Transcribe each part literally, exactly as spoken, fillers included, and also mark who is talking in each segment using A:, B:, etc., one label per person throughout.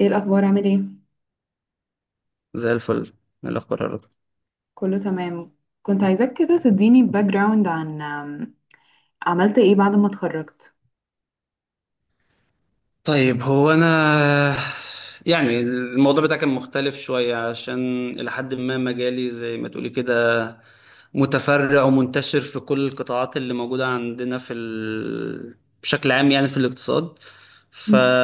A: ايه الاخبار؟ عامل ايه؟
B: زي الفل. من الاخبار يا رضا؟
A: كله تمام. كنت عايزاك كده تديني باك جراوند عن عن عملت ايه بعد ما اتخرجت.
B: طيب هو انا يعني الموضوع بتاعي كان مختلف شويه عشان الى حد ما مجالي زي ما تقولي كده متفرع ومنتشر في كل القطاعات اللي موجودة عندنا في ال... بشكل عام يعني في الاقتصاد. ف
A: مم.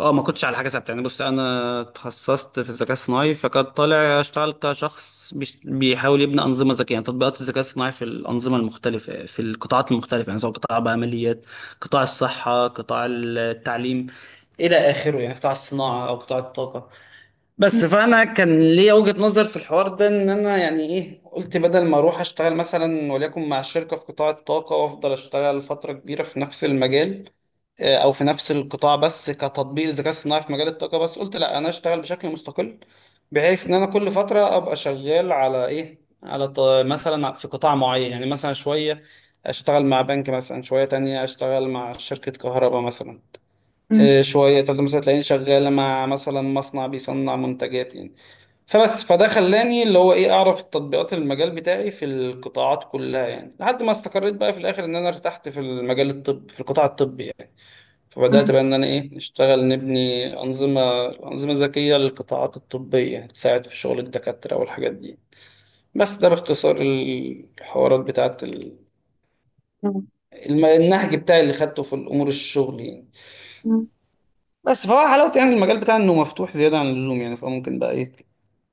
B: اه ما كنتش على حاجة ثابتة يعني. بص، انا تخصصت في الذكاء الصناعي، فكان طالع اشتغل كشخص بيش- بيحاول يبني أنظمة ذكية، يعني تطبيقات الذكاء الصناعي في الأنظمة المختلفة في القطاعات المختلفة، يعني سواء قطاع بقى ماليات، قطاع الصحة، قطاع التعليم إلى آخره، يعني قطاع الصناعة أو قطاع الطاقة.
A: مم.
B: بس فانا كان ليا وجهة نظر في الحوار ده، ان انا يعني ايه، قلت بدل ما اروح اشتغل مثلا وليكن مع شركة في قطاع الطاقة وافضل اشتغل فترة كبيرة في نفس المجال آه، او في نفس القطاع، بس كتطبيق الذكاء الصناعي في مجال الطاقة، بس قلت لا انا اشتغل بشكل مستقل، بحيث ان انا كل فترة ابقى شغال على ايه، على ط- مثلا في قطاع معين يعني. مثلا شوية اشتغل مع بنك، مثلا شوية تانية اشتغل مع شركة كهرباء مثلا.
A: مم.
B: آه، شوية تالتة مثلا تلاقيني شغال مع مثلا مصنع بيصنع منتجات يعني. فبس فده خلاني اللي هو ايه، اعرف التطبيقات المجال بتاعي في القطاعات كلها يعني، لحد ما استقريت بقى في الاخر ان انا ارتحت في المجال الطب في القطاع الطبي يعني. فبدات بقى ان انا ايه، نشتغل نبني انظمه انظمه ذكيه للقطاعات الطبيه تساعد في شغل الدكاتره والحاجات دي. بس ده باختصار الحوارات بتاعت ال-
A: مم.
B: الم- النهج بتاعي اللي خدته في الامور الشغل يعني.
A: مم.
B: بس فهو حلاوته يعني المجال بتاعي انه مفتوح زياده عن اللزوم يعني، فممكن بقى ايه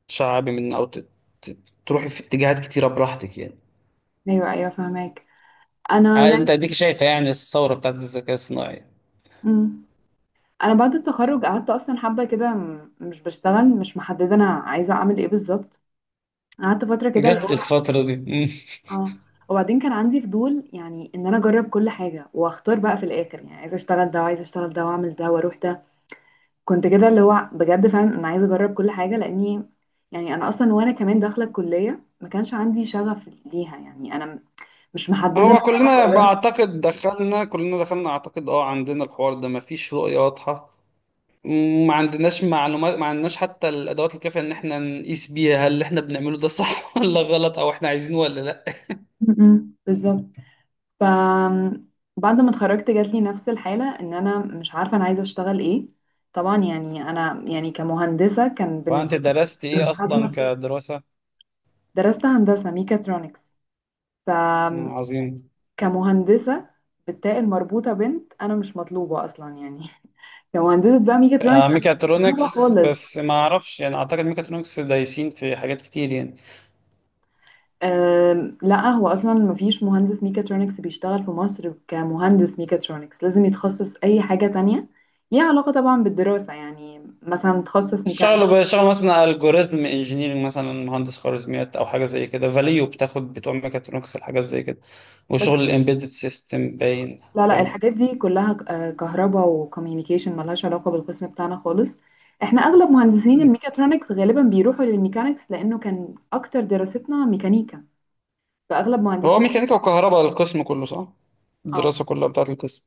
B: تشعبي من او تت- تت- تروحي في اتجاهات كتيره براحتك يعني.
A: ايوه، ايوه، فهماك. انا
B: عاد
A: يعني،
B: انت اديك شايفه يعني الثوره بتاعت الذكاء الصناعي
A: مم. انا بعد التخرج قعدت اصلا حبه كده، م- مش بشتغل، مش محدده انا عايزه اعمل ايه بالظبط. قعدت فتره كده اللي هو،
B: جت للفتره دي. مم.
A: اه. وبعدين كان عندي فضول يعني ان انا اجرب كل حاجه واختار بقى في الاخر، يعني عايزه اشتغل ده وعايزه اشتغل ده واعمل ده واروح ده. كنت كده اللي هو بجد فعلا انا عايزه اجرب كل حاجه لاني، يعني انا اصلا وانا كمان داخله الكليه ما كانش عندي شغف ليها يعني انا م- مش محدده من
B: هو
A: وأنا
B: كلنا
A: صغيره.
B: بعتقد دخلنا، كلنا دخلنا اعتقد اه عندنا الحوار ده مفيش رؤية واضحة، ما عندناش معلومات، ما عندناش حتى الادوات الكافية ان احنا نقيس بيها هل اللي احنا بنعمله ده صح ولا غلط، او احنا عايزينه ولا لا.
A: م- م، بالظبط. ف، بعد ما اتخرجت جات لي نفس الحاله ان انا مش عارفه انا عايزه اشتغل ايه. طبعا يعني انا يعني كمهندسه كان بالنسبه
B: وانت
A: لي
B: درست ايه
A: مش حد
B: اصلا
A: مفهوم.
B: كدراسه؟
A: درست هندسه ميكاترونكس. ف،
B: مم، عظيم.
A: كمهندسه بالتاء المربوطه بنت انا مش مطلوبه اصلا يعني. كمهندسة بقى ميكاترونكس
B: آه
A: أنا مش فاهمة
B: ميكاترونكس،
A: خالص.
B: بس ما اعرفش يعني، اعتقد ميكاترونكس دايسين في حاجات كتير يعني.
A: أم، لا، هو أصلا مفيش مهندس ميكاترونكس بيشتغل في مصر. كمهندس ميكاترونكس لازم يتخصص أي حاجة تانية ليها علاقة طبعا بالدراسة، يعني مثلا تخصص ميكانيكا.
B: اشتغلوا بيشتغلوا مثلا الجوريزم انجينيرنج مثلا، مهندس خوارزميات او حاجه زي كده، فاليو بتاخد بتوع ميكاترونكس الحاجات زي كده،
A: بس
B: وشغل الامبيدد سيستم باين
A: لا لا،
B: برضه.
A: الحاجات دي كلها آه، كهرباء وكوميونيكيشن، ملهاش علاقة بالقسم بتاعنا خالص. احنا أغلب مهندسين
B: مم.
A: الميكاترونكس غالبا بيروحوا للميكانيكس، لأنه كان أكتر دراستنا ميكانيكا. فأغلب
B: هو
A: مهندسين،
B: ميكانيكا وكهرباء القسم كله، صح؟
A: اه.
B: الدراسه كلها بتاعت القسم.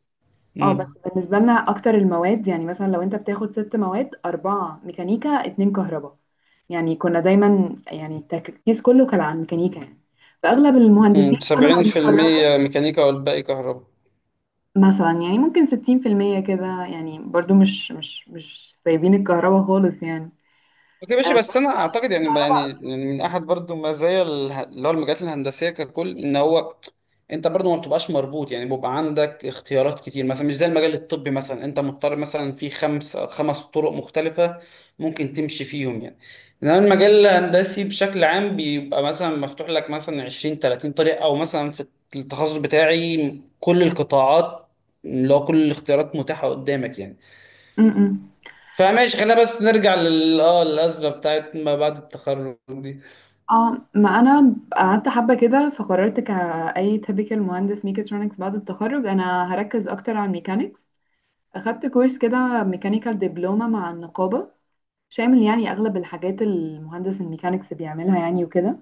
A: اه
B: امم.
A: بس بالنسبة لنا أكتر المواد، يعني مثلا لو أنت بتاخد ست مواد، أربعة ميكانيكا اتنين كهرباء. يعني كنا دايما يعني التركيز كله كان على الميكانيكا يعني. فأغلب المهندسين كانوا ما
B: سبعين في
A: بيتخرجوا
B: المية ميكانيكا والباقي كهرباء.
A: مثلا، يعني ممكن ستين في المية كده يعني، برضو مش مش مش سايبين الكهرباء خالص يعني.
B: اوكي ماشي،
A: أنا مش
B: بس انا اعتقد يعني،
A: كهرباء
B: يعني
A: أصلا.
B: يعني من احد برضو مزايا اله- اللي هو المجالات الهندسيه ككل، ان هو انت برضو ما بتبقاش مربوط يعني، بيبقى عندك اختيارات كتير. مثلا مش زي المجال الطبي مثلا، انت مضطر مثلا في خمس خمس طرق مختلفه ممكن تمشي فيهم يعني. انما المجال الهندسي بشكل عام بيبقى مثلا مفتوح لك مثلا عشرين تلاتين طريق، او مثلا في التخصص بتاعي كل القطاعات، اللي هو كل الاختيارات متاحه قدامك يعني.
A: م- م.
B: فماشي، خلينا بس نرجع لل اه الأزمة بتاعت ما بعد التخرج دي.
A: اه، ما أنا قعدت حبة كده فقررت كأي تبكال مهندس ميكاترونكس بعد التخرج أنا هركز أكتر على الميكانيكس. أخدت كورس كده ميكانيكال دبلومة مع النقابة، شامل يعني أغلب الحاجات المهندس الميكانيكس بيعملها يعني وكده.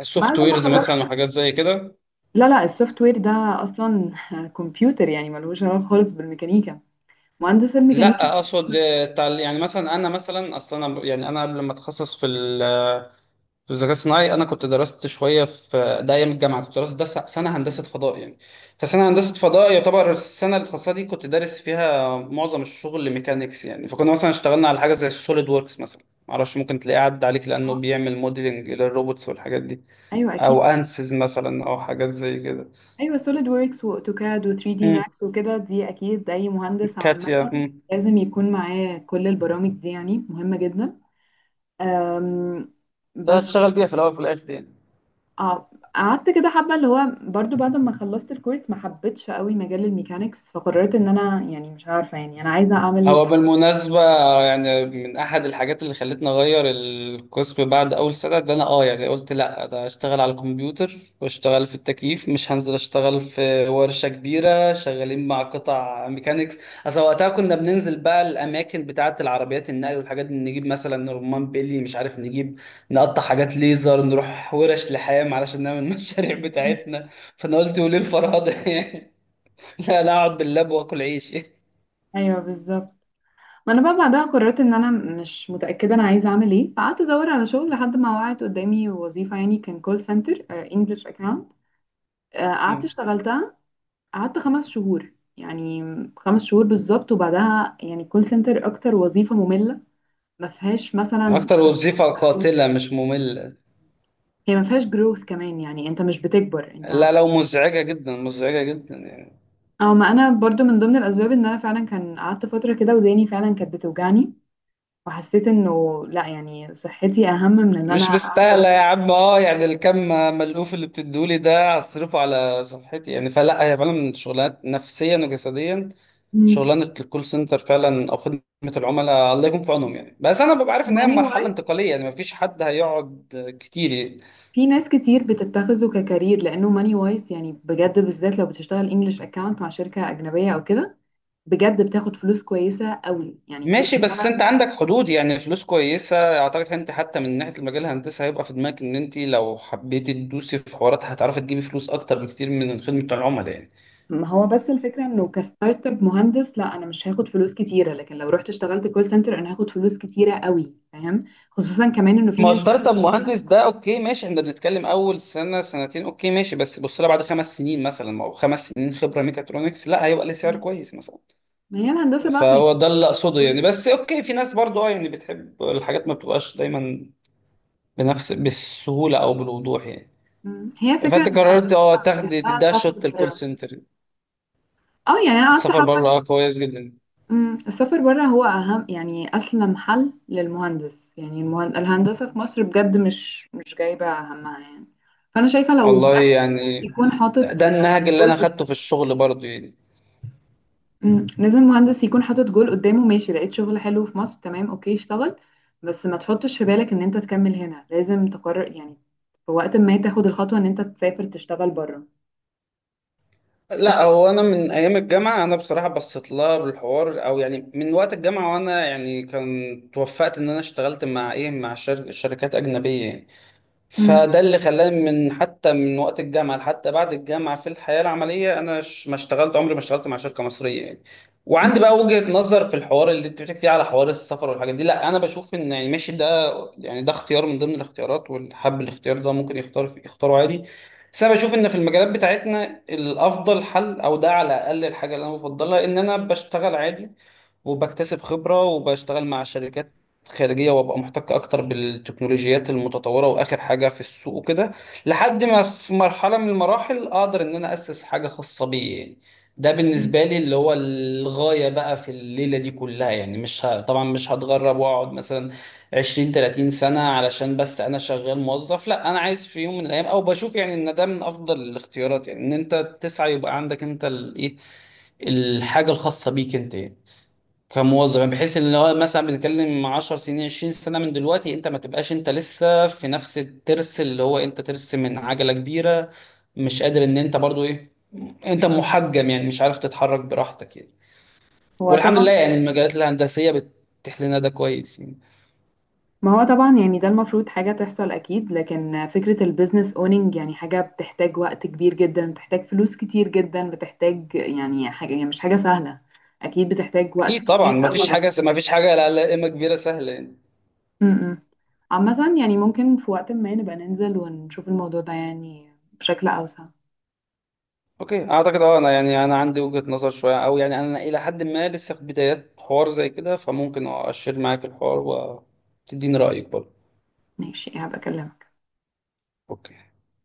B: السوفت
A: بعد ما
B: ويرز
A: خلصت،
B: مثلا وحاجات زي كده.
A: لا لا، السوفت وير ده أصلا كمبيوتر يعني، ملوش علاقة خالص بالميكانيكا. مهندس الميكانيكا
B: لا اقصد آه،
A: مسؤول.
B: تعل- يعني مثلا انا مثلا اصلا انا يعني انا قبل ما اتخصص في ال- آه، في الذكاء الصناعي، انا كنت درست شويه في ده ايام الجامعه، كنت درست ده س- سنه هندسه فضاء يعني. فسنه هندسه فضاء يعتبر السنه الخاصه دي كنت دارس فيها معظم الشغل ميكانيكس يعني، فكنا مثلا اشتغلنا على حاجه زي السوليد ووركس مثلا، معرفش ممكن تلاقيه عدى عليك لانه
A: آه،
B: بيعمل موديلنج للروبوتس والحاجات دي،
A: أيوه أكيد.
B: او انسز مثلا او حاجات زي كده.
A: أيوه، سوليد ووركس وأوتوكاد و3 دي
B: امم.
A: ماكس وكده، دي أكيد أي مهندس عامة
B: كاتيا. امم.
A: لازم يكون معاه كل البرامج دي، يعني مهمة جدا. أم،
B: ده
A: بس،
B: هتشتغل بيها في الاول وفي الاخر يعني.
A: اه قعدت كده حبة اللي هو برضو بعد ما خلصت الكورس ما حبيتش قوي مجال الميكانيكس، فقررت ان انا يعني مش عارفة يعني انا عايزة اعمل.
B: هو بالمناسبة يعني من أحد الحاجات اللي خلتني أغير القسم بعد أول سنة ده، أنا أه يعني قلت لأ، ده أشتغل على الكمبيوتر وأشتغل في التكييف، مش هنزل أشتغل في ورشة كبيرة شغالين مع قطع ميكانيكس. أصل وقتها كنا بننزل بقى الأماكن بتاعة العربيات النقل والحاجات دي، نجيب مثلا رمان بيلي، مش عارف نجيب نقطع حاجات ليزر، نروح ورش لحام علشان نعمل المشاريع بتاعتنا. فأنا قلت وليه الفرهدة؟ يعني لا لا، أقعد باللاب وآكل عيش.
A: ايوه بالظبط. ما انا بقى بعدها قررت ان انا مش متأكدة انا عايزة اعمل ايه، فقعدت ادور على شغل لحد ما وقعت قدامي وظيفة يعني، كان كول سنتر انجلش اكاونت. قعدت اشتغلتها. قعدت خمس شهور يعني، خمس شهور بالظبط. وبعدها يعني كول سنتر اكتر وظيفة مملة، ما فيهاش مثلا،
B: اكتر وظيفة قاتلة مش مملة.
A: هي ما فيهاش جروث كمان، يعني انت مش بتكبر انت عم.
B: لا لو مزعجة جدا، مزعجة جدا يعني.
A: او ما انا برضو من ضمن الاسباب ان انا فعلا كان قعدت فتره كده وداني فعلا كانت بتوجعني، وحسيت انه لا يعني صحتي اهم من ان انا
B: مش مستاهلة
A: قاعده.
B: يا عم. اه يعني الكم ملهوف اللي بتدولي ده هصرفه على صفحتي يعني. فلا هي فعلا شغلانات نفسيا وجسديا، شغلانة الكول سنتر فعلا او خدمة العملاء، الله يكون في عونهم يعني. بس انا ببقى عارف ان هي
A: ماني
B: مرحلة
A: وايز،
B: انتقالية يعني، مفيش حد هيقعد كتير يعني.
A: في ناس كتير بتتخذه ككارير لانه ماني وايز، يعني بجد بالذات لو بتشتغل انجلش اكاونت مع شركه اجنبيه او كده، بجد بتاخد فلوس كويسه قوي يعني، فلوس.
B: ماشي بس انت عندك حدود يعني. فلوس كويسة، اعتقد انت حتى من ناحية المجال الهندسي هيبقى في دماغك ان انت لو حبيتي تدوسي في حوارات هتعرفي تجيبي فلوس اكتر بكتير من خدمة العملاء يعني.
A: ما هو بس الفكرة انه كستارت اب مهندس لا انا مش هاخد فلوس كتيرة، لكن لو رحت اشتغلت كول سنتر انا هاخد فلوس كتيرة قوي، فاهم. خصوصا كمان انه في
B: ما هو
A: ناس بقى
B: ستارت اب
A: اللي بتشتغل،
B: مهندس ده اوكي ماشي، احنا بنتكلم اول سنة سنتين اوكي ماشي، بس بص لها بعد خمس سنين مثلا او خمس سنين خبرة ميكاترونكس، لا هيبقى ليه سعر كويس مثلا.
A: ما هي الهندسة بقى مش
B: فهو
A: جايبة
B: ده اللي اقصده
A: قوي.
B: يعني. بس اوكي، في ناس برضو اه يعني بتحب الحاجات ما بتبقاش دايما بنفس بالسهولة او بالوضوح يعني.
A: مم. هي فكرة
B: فانت
A: ان
B: قررت
A: الهندسة
B: اه
A: عايز
B: تاخدي
A: لها
B: تديها
A: سفر
B: شوت الكول
A: بره.
B: سنتر.
A: اه يعني انا قعدت
B: السفر
A: حبة،
B: بره اه كويس جدا.
A: مم. السفر بره هو اهم يعني اسلم حل للمهندس يعني، المهن… الهندسة في مصر بجد مش مش جايبة همها يعني. فانا شايفة لو
B: والله
A: مهندس
B: يعني
A: يكون
B: ده
A: حاطط،
B: ده النهج اللي انا خدته في الشغل برضه يعني.
A: مم. لازم المهندس يكون حاطط جول قدامه، ماشي لقيت شغل حلو في مصر تمام اوكي اشتغل، بس ما تحطش في بالك ان انت تكمل هنا، لازم تقرر يعني في وقت ما تاخد الخطوة ان انت تسافر تشتغل بره.
B: لا هو انا من ايام الجامعه انا بصراحه بصيت لها بالحوار، او يعني من وقت الجامعه وانا يعني كان توفقت ان انا اشتغلت مع ايه، مع شر... شركات اجنبيه يعني.
A: مم.
B: فده اللي خلاني من حتى من وقت الجامعة لحتى بعد الجامعة في الحياة العملية أنا ش- ما اشتغلت، عمري ما اشتغلت مع شركة مصرية يعني. وعندي بقى وجهة نظر في الحوار اللي أنت بتحكي فيه على حوار السفر والحاجات دي. لا أنا بشوف إن يعني ماشي ده يعني ده اختيار من ضمن الاختيارات، واللي حب الاختيار ده ممكن يختار في يختاره عادي. بس أنا بشوف إن في المجالات بتاعتنا الأفضل حل، أو ده على الأقل الحاجة اللي أنا بفضلها، إن أنا بشتغل عادي وبكتسب خبرة وبشتغل مع شركات خارجية وابقى محتك أكتر بالتكنولوجيات المتطورة وآخر حاجة في السوق وكده، لحد ما في مرحلة من المراحل أقدر إن أنا أسس حاجة خاصة بي يعني. ده
A: مم.
B: بالنسبة لي اللي هو الغاية بقى في الليلة دي كلها يعني. مش ه... طبعا مش هتغرب وأقعد مثلا عشرين تلاتين سنة علشان بس أنا شغال موظف. لا أنا عايز في يوم من الأيام، أو بشوف يعني إن ده من أفضل الاختيارات، يعني إن أنت تسعى يبقى عندك أنت الإيه، الحاجة الخاصة بيك أنت يعني. كموظف يعني بحيث ان هو مثلا بنتكلم عشر سنين عشرين سنه من دلوقتي، انت ما تبقاش انت لسه في نفس الترس، اللي هو انت ترس من عجله كبيره، مش قادر ان انت برضو ايه، انت محجم يعني مش عارف تتحرك براحتك يعني.
A: هو
B: والحمد لله
A: طبعا،
B: يعني المجالات الهندسيه بتتيح لنا ده كويس يعني.
A: ما هو طبعا يعني ده المفروض حاجة تحصل أكيد، لكن فكرة البيزنس اونينج يعني حاجة بتحتاج وقت كبير جدا، بتحتاج فلوس كتير جدا، بتحتاج يعني حاجة يعني مش حاجة سهلة. أكيد بتحتاج وقت
B: اكيد طبعا،
A: طويل
B: ما فيش
A: أوي.
B: حاجه ما فيش حاجه لا لائمه كبيره سهله يعني.
A: امم، عامة يعني ممكن في وقت ما نبقى ننزل ونشوف الموضوع ده يعني بشكل أوسع.
B: اوكي اعتقد اه، انا يعني انا عندي وجهه نظر شويه، او يعني انا الى حد ما لسه في بدايات حوار زي كده، فممكن اشير معاك الحوار وتديني رايك برضو.
A: ماشي، هبقى أكلمك.
B: اوكي.